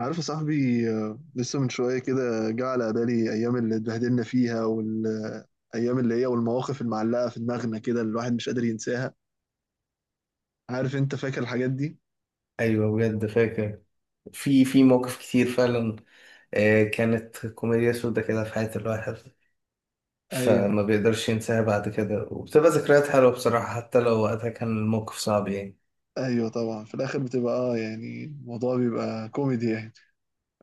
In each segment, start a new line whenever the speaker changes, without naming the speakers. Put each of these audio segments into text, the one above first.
عارف يا صاحبي، لسه من شوية كده جه على بالي أيام اللي اتبهدلنا فيها والأيام اللي هي والمواقف المعلقة في دماغنا كده اللي الواحد مش قادر ينساها. عارف أنت فاكر الحاجات دي؟
ايوه بجد فاكر. في مواقف كتير فعلا. كانت كوميديا سودا كده في حياة الواحد،
أيوه،
فما بيقدرش ينساها بعد كده، وبتبقى ذكريات حلوة بصراحة حتى لو وقتها كان الموقف صعب يعني.
أيوه، طبعا في الآخر بتبقى يعني الموضوع بيبقى كوميدي يعني.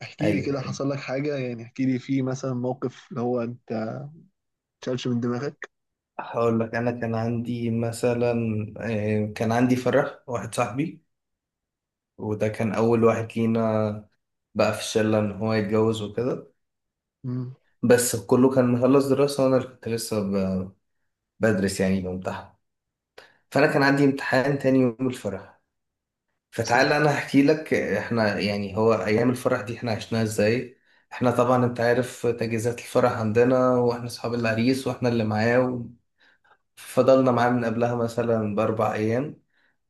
احكي لي كده،
أيوة،
حصل لك حاجة يعني. احكي لي في مثلا موقف اللي هو أنت متشالش من دماغك.
هقول لك أنا كان عندي مثلا كان عندي فرح واحد صاحبي، وده كان أول واحد لينا بقى في الشلة إن هو يتجوز وكده.
امم.
بس كله كان مخلص دراسة، وأنا اللي كنت لسه بدرس يعني بامتحن. فأنا كان عندي امتحان تاني يوم الفرح.
ساتر.
فتعال انا احكي لك احنا يعني هو ايام الفرح دي احنا عشناها ازاي. احنا طبعا انت عارف تجهيزات الفرح عندنا، واحنا اصحاب العريس واحنا اللي معاه، فضلنا معاه من قبلها مثلا ب4 ايام.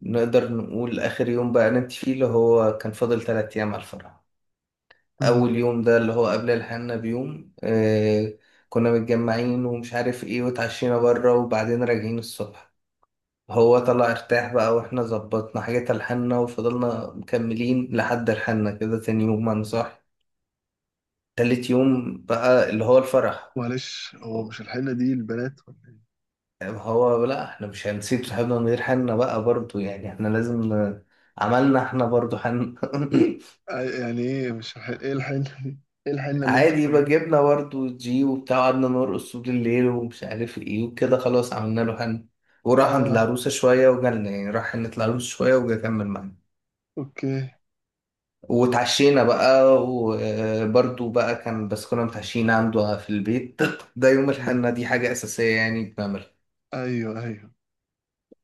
نقدر نقول اخر يوم بقى نمت فيه اللي هو كان فاضل 3 ايام على الفرح.
امم.
اول يوم ده اللي هو قبل الحنة بيوم، كنا متجمعين ومش عارف ايه، واتعشينا بره، وبعدين راجعين الصبح. هو طلع ارتاح بقى، واحنا ظبطنا حاجة تلحنا وفضلنا مكملين لحد الحنا كده تاني يوم انا صاحي. تالت يوم بقى اللي هو الفرح.
معلش، هو مش الحنة دي البنات ولا إيه؟
هو لا، احنا مش هنسيب صاحبنا من غير حنا بقى برضو، يعني احنا لازم عملنا احنا برضو حنا
يعني إيه، مش الحنة؟ إيه الحنة دي؟ إيه الحنة اللي أنتوا
عادي بقى
بتعملوها؟
جبنا برضو جي وبتاع، قعدنا نرقص طول الليل ومش عارف ايه وكده، خلاص عملنا له حنا وراح عند
آه،
العروسة شوية وجالنا، يعني راح عند العروسة شوية وجا كمل معانا.
أوكي.
واتعشينا بقى، وبرده بقى كان بس كنا متعشيين عنده في البيت ده يوم
مم.
الحنة دي حاجة أساسية يعني بنعملها.
ايوه، ايوه.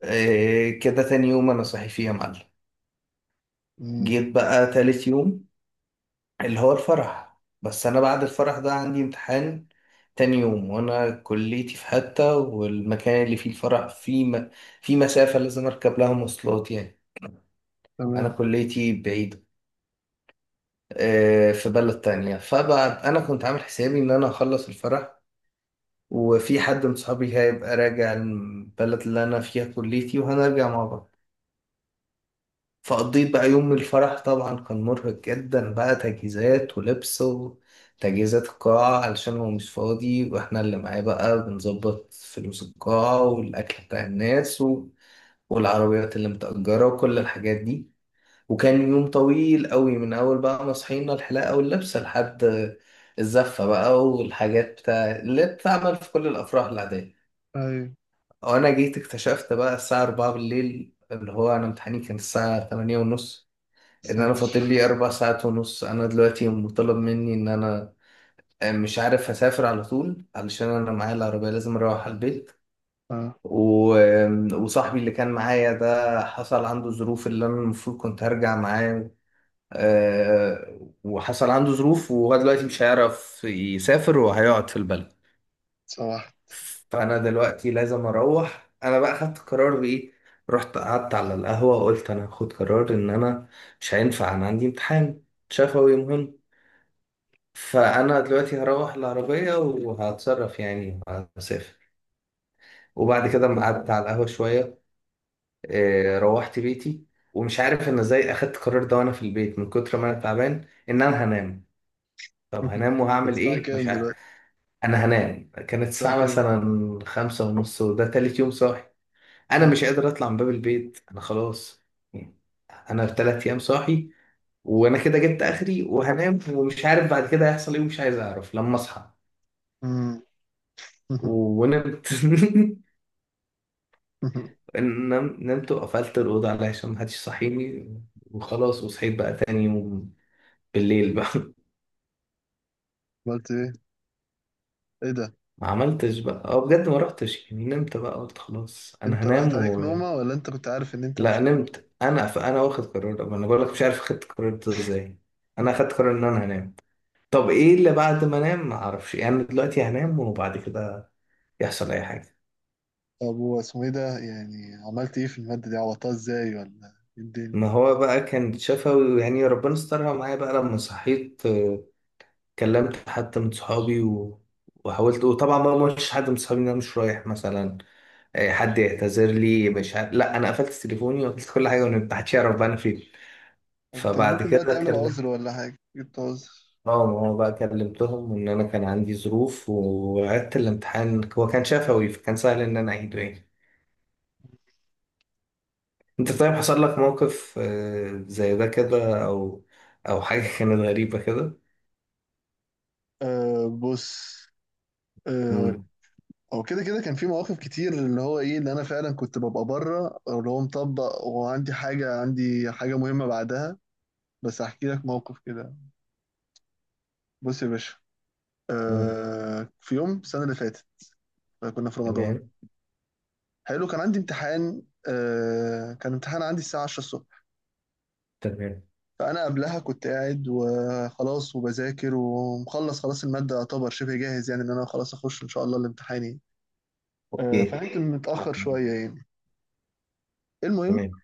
إيه كده تاني يوم أنا صاحي فيه يا معلم.
مم.
جيت بقى تالت يوم اللي هو الفرح، بس أنا بعد الفرح ده عندي امتحان تاني يوم، وأنا كليتي في حتة والمكان اللي فيه الفرح فيه في مسافة لازم أركب لها مواصلات يعني. أنا
تمام.
كليتي بعيدة، إيه، في بلد تانية. فبقى أنا كنت عامل حسابي إن أنا أخلص الفرح وفي حد من صحابي هيبقى راجع البلد اللي أنا فيها كليتي وهنرجع مع بعض. فقضيت بقى يوم الفرح، طبعا كان مرهق جدا بقى تجهيزات ولبس وتجهيزات القاعة، علشان هو مش فاضي واحنا اللي معاه بقى بنظبط فلوس القاعة والأكل بتاع الناس والعربيات اللي متأجرة وكل الحاجات دي. وكان يوم طويل قوي من أول بقى ما صحينا الحلاقة واللبسة لحد الزفة بقى والحاجات بتاع اللي بتتعمل في كل الأفراح العادية.
ايوه.
وانا جيت اكتشفت بقى الساعة 4 بالليل اللي هو انا امتحاني كان الساعة 8 ونص، ان انا فاضل
ساتر.
لي 4 ساعات ونص. انا دلوقتي مطالب مني ان انا مش عارف هسافر على طول علشان انا معايا العربية لازم اروح على البيت
اه.
و... وصاحبي اللي كان معايا ده حصل عنده ظروف، اللي انا المفروض كنت هرجع معاه، وحصل عنده ظروف وهو دلوقتي مش هيعرف يسافر وهيقعد في البلد.
صباح.
فانا دلوقتي لازم اروح. انا بقى خدت قرار بايه. رحت قعدت على القهوه وقلت انا هاخد قرار ان انا مش هينفع، انا عندي امتحان شفوي مهم، فانا دلوقتي هروح العربيه وهتصرف يعني، هسافر. وبعد كده ما قعدت على القهوه شويه روحت بيتي. ومش عارف انا ازاي اخدت القرار ده وانا في البيت من كتر ما انا تعبان ان انا هنام. طب هنام وهعمل
الساعة
ايه مش
كام
عارف.
دلوقتي؟
انا هنام، كانت
الساعة
الساعه
كام؟
مثلا 5:30 وده تالت يوم صاحي، انا
مم.
مش قادر اطلع من باب البيت، انا خلاص. انا 3 ايام صاحي، وانا كده جبت اخري وهنام ومش عارف بعد كده هيحصل ايه، ومش عايز اعرف لما اصحى.
مم.
ونمت نمت وقفلت الاوضه علشان محدش يصحيني. وخلاص، وصحيت بقى تاني يوم بالليل بقى
عملت ايه؟ ايه ده؟
ما عملتش بقى، بجد ما رحتش، يعني نمت بقى، قلت خلاص انا
انت راحت
هنام
عليك نومة، ولا انت كنت عارف ان انت مش
لا
هتروح؟
نمت. انا فانا واخد قرار، طب انا بقول لك مش عارف خدت قرار ده ازاي. انا اخدت قرار ان انا هنام، طب ايه اللي بعد ما انام ما اعرفش يعني، أنا دلوقتي هنام وبعد كده يحصل اي حاجه.
طب هو اسمه ايه ده؟ يعني عملت ايه في المادة دي؟ عوضتها ازاي، ولا ايه الدنيا؟
ما هو بقى كان شفوي يعني، ربنا استرها معايا بقى. لما صحيت كلمت حد من صحابي وحاولت، وطبعا بقى ما قلتش حد من صحابي ان انا مش رايح مثلا، حد يعتذر لي، مش لا انا قفلت تليفوني وقفلت كل حاجه وما حدش يعرف بقى انا فين.
انت
فبعد
ممكن بقى
كده
تعمل عذر،
كلمت،
ولا حاجة، جبت عذر؟
اه ما هو بقى كلمتهم ان انا كان عندي ظروف وعدت الامتحان، هو كان شفوي فكان سهل ان انا اعيده يعني. انت طيب، حصل لك موقف زي ده كده، او حاجة كانت غريبة كده؟
آه، بص. آه.
مم.
هو كده كده كان في مواقف كتير، اللي هو ايه، اللي انا فعلا كنت ببقى بره، أو اللي هو مطبق وعندي حاجه عندي حاجه مهمه بعدها. بس هحكي لك موقف كده. بص يا باشا.
مم.
في يوم السنه اللي فاتت، كنا في رمضان.
تمام.
حلو، كان عندي امتحان. كان امتحان عندي الساعه 10 الصبح.
تمام.
فانا قبلها كنت قاعد وخلاص وبذاكر ومخلص خلاص الماده، يعتبر شبه جاهز يعني، ان انا خلاص اخش ان شاء الله الامتحان يعني.
اوكي.
فنمت متاخر
تمام.
شويه يعني. المهم،
تمام.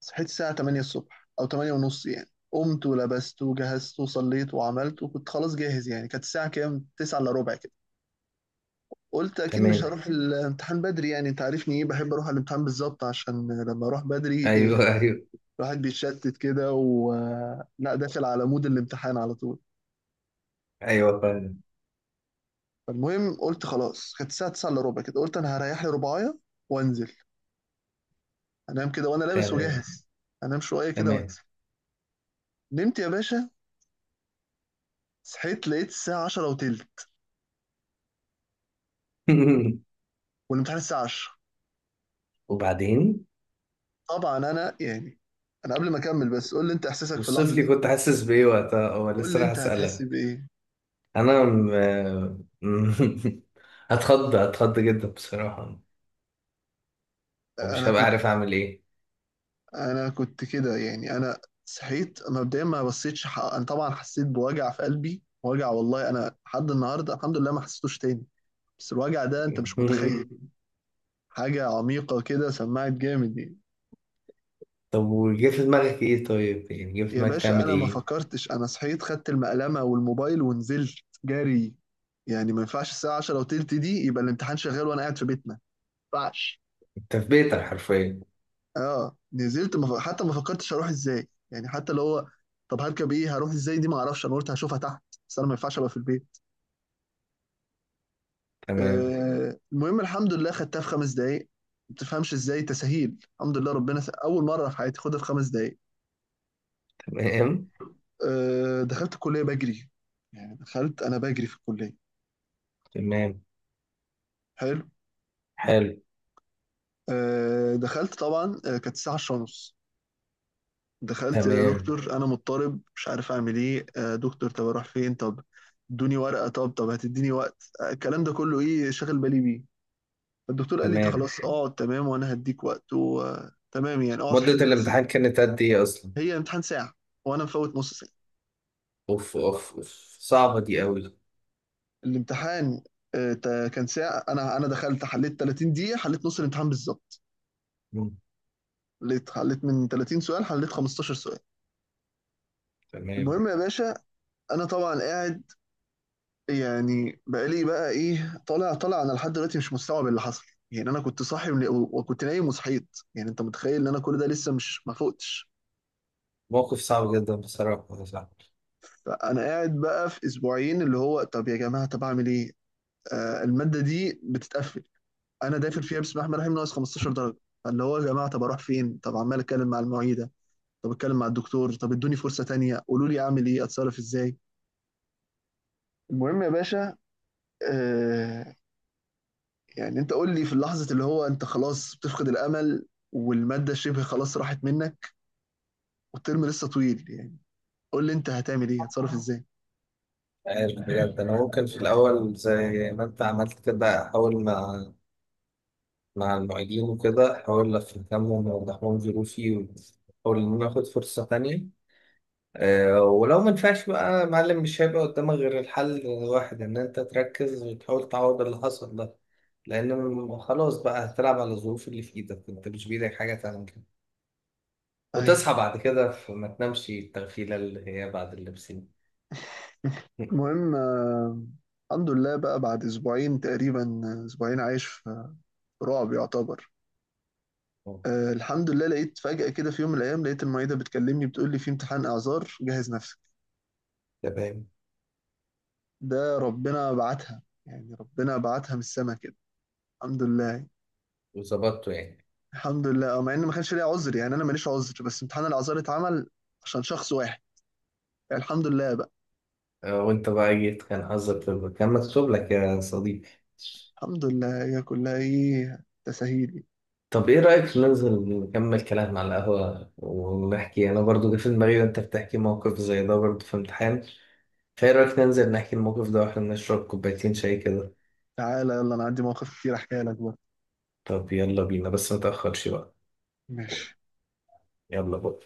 صحيت الساعة 8 الصبح أو 8 ونص يعني، قمت ولبست وجهزت وصليت وعملت وكنت خلاص جاهز يعني. كانت الساعة كام؟ 9 إلا ربع كده. قلت أكيد مش
تمام.
هروح الامتحان بدري، يعني أنت عارفني، إيه، بحب أروح على الامتحان بالظبط، عشان لما أروح بدري،
ايوه
إيه،
ايوه.
الواحد بيتشتت كده، و لا، داخل على مود الامتحان على طول.
ايوه فعلا.
فالمهم قلت خلاص، كانت الساعة 9 إلا ربع كده، قلت أنا هريح لي ربعاية وأنزل، أنام كده وأنا لابس
تمام.
وجاهز، أنام شوية كده
تمام
وأنزل. نمت يا باشا، صحيت لقيت الساعة 10 وتلت، والامتحان الساعة 10.
وبعدين؟
طبعا انا يعني، انا قبل ما اكمل، بس قول لي انت احساسك في
والصيف
اللحظه دي،
لي كنت حاسس بايه وقتها، هو
قول
لسه
لي
راح
انت هتحس
اسألك.
بايه.
انا م- هتخض هتخض جدا بصراحة، ومش
انا
هبقى
كنت
عارف اعمل ايه.
انا كنت كده يعني، انا صحيت مبدئيا، ما بصيتش حق. انا طبعا حسيت بوجع في قلبي، وجع والله، انا لحد النهارده الحمد لله ما حسيتوش تاني. بس الوجع ده انت مش متخيل، حاجه عميقه كده، سمعت جامد يعني.
طب وجه في دماغك ايه طيب، يعني جه في
يا
دماغك
باشا
تعمل
انا ما
ايه؟
فكرتش، انا صحيت خدت المقلمه والموبايل ونزلت جري. يعني ما ينفعش الساعه 10 وتلت دي يبقى الامتحان شغال وانا قاعد في بيتنا، ما ينفعش.
تثبيتا حرفيا.
اه، نزلت حتى ما فكرتش اروح ازاي يعني، حتى لو هو، طب هركب ايه، هروح ازاي دي، ما اعرفش، انا قلت هشوفها تحت، بس انا ما ينفعش ابقى في البيت.
تمام.
المهم، الحمد لله خدتها في 5 دقايق. ما تفهمش ازاي، تسهيل الحمد لله، اول مره في حياتي خدها في 5 دقايق.
تمام.
دخلت الكليه بجري، يعني دخلت انا بجري في الكليه.
تمام.
حلو.
حلو.
دخلت طبعا، كانت الساعه 10:30. دخلت، يا
تمام.
دكتور انا مضطرب مش عارف اعمل ايه، دكتور طب اروح فين، طب ادوني ورقه، طب، هتديني وقت، الكلام ده كله ايه، شاغل بالي بيه. الدكتور قال لي
تمام.
خلاص، اقعد تمام وانا هديك وقت وتمام يعني، اقعد
مدة
حل بس.
الامتحان كانت قد ايه اصلا؟
هي امتحان ساعه وانا مفوت نص ساعه.
اوف اوف اوف، صعبة دي قوي.
الامتحان، كان ساعه. انا دخلت، حليت 30 دقيقه، حليت نص الامتحان بالظبط.
مم،
حليت من 30 سؤال، حليت 15 سؤال.
تمام.
المهم يا باشا، انا طبعا قاعد، يعني بقالي بقى ايه طالع، طالع، انا لحد دلوقتي مش مستوعب اللي حصل، يعني انا كنت صاحي وكنت نايم وصحيت، يعني انت متخيل ان انا كل ده لسه مش ما فقتش.
موقف صعب جدا بصراحة يا صاحبي.
فانا قاعد بقى في اسبوعين، اللي هو طب يا جماعه، طب اعمل ايه، الماده دي بتتقفل، انا داخل فيها بسم الله الرحمن الرحيم ناقص 15 درجه، اللي هو يا جماعه طب اروح فين، طب عمال اتكلم مع المعيده، طب اتكلم مع الدكتور، طب ادوني فرصه تانيه، قولوا لي اعمل ايه، اتصرف ازاي. المهم يا باشا، آه، يعني انت قول لي في اللحظة اللي هو انت خلاص بتفقد الامل والمادة شبه خلاص راحت منك والترم لسه طويل يعني، قول لي انت هتعمل ايه، هتصرف ازاي.
عارف بجد، انا ممكن في الاول زي ما انت عملت كده احاول مع المعيدين وكده، احاول افهمهم واوضح لهم ظروفي واحاول ان انا اخد فرصة تانية. ولو ما ينفعش بقى يا معلم، مش هيبقى قدامك غير الحل الواحد ان انت تركز وتحاول تعوض اللي حصل ده، لان خلاص بقى هتلعب على الظروف اللي في ايدك. انت مش بايدك حاجه تعمل كده،
ايوه.
وتصحى بعد كده فما تنامش التغفيله اللي هي بعد اللبسين.
المهم، الحمد لله بقى بعد اسبوعين تقريبا، اسبوعين عايش في رعب يعتبر. الحمد لله لقيت فجأة كده، في يوم من الايام لقيت المعيدة بتكلمني، بتقول لي في امتحان اعذار، جهز نفسك.
تمام.
ده ربنا بعتها، يعني ربنا بعتها من السما كده. الحمد لله.
وظبطته يعني.
الحمد لله. مع ان ما كانش ليا عذر، يعني انا ماليش عذر، بس امتحان الاعذار اتعمل عشان شخص واحد، يعني الحمد لله بقى.
وانت بقى جيت كان حظك كان مكتوب لك يا صديقي.
الحمد لله، هي كلها ايه، تسهيل.
طب ايه رأيك ننزل نكمل كلام على القهوة ونحكي، انا برضو جه في دماغي وانت بتحكي موقف زي ده برضو في امتحان. خير رأيك ننزل نحكي الموقف ده واحنا بنشرب كوبايتين شاي كده.
تعالى يلا، انا عندي مواقف كتير احكيها لك بقى.
طب يلا بينا بس متأخرش بقى.
ماشي.
يلا بقى.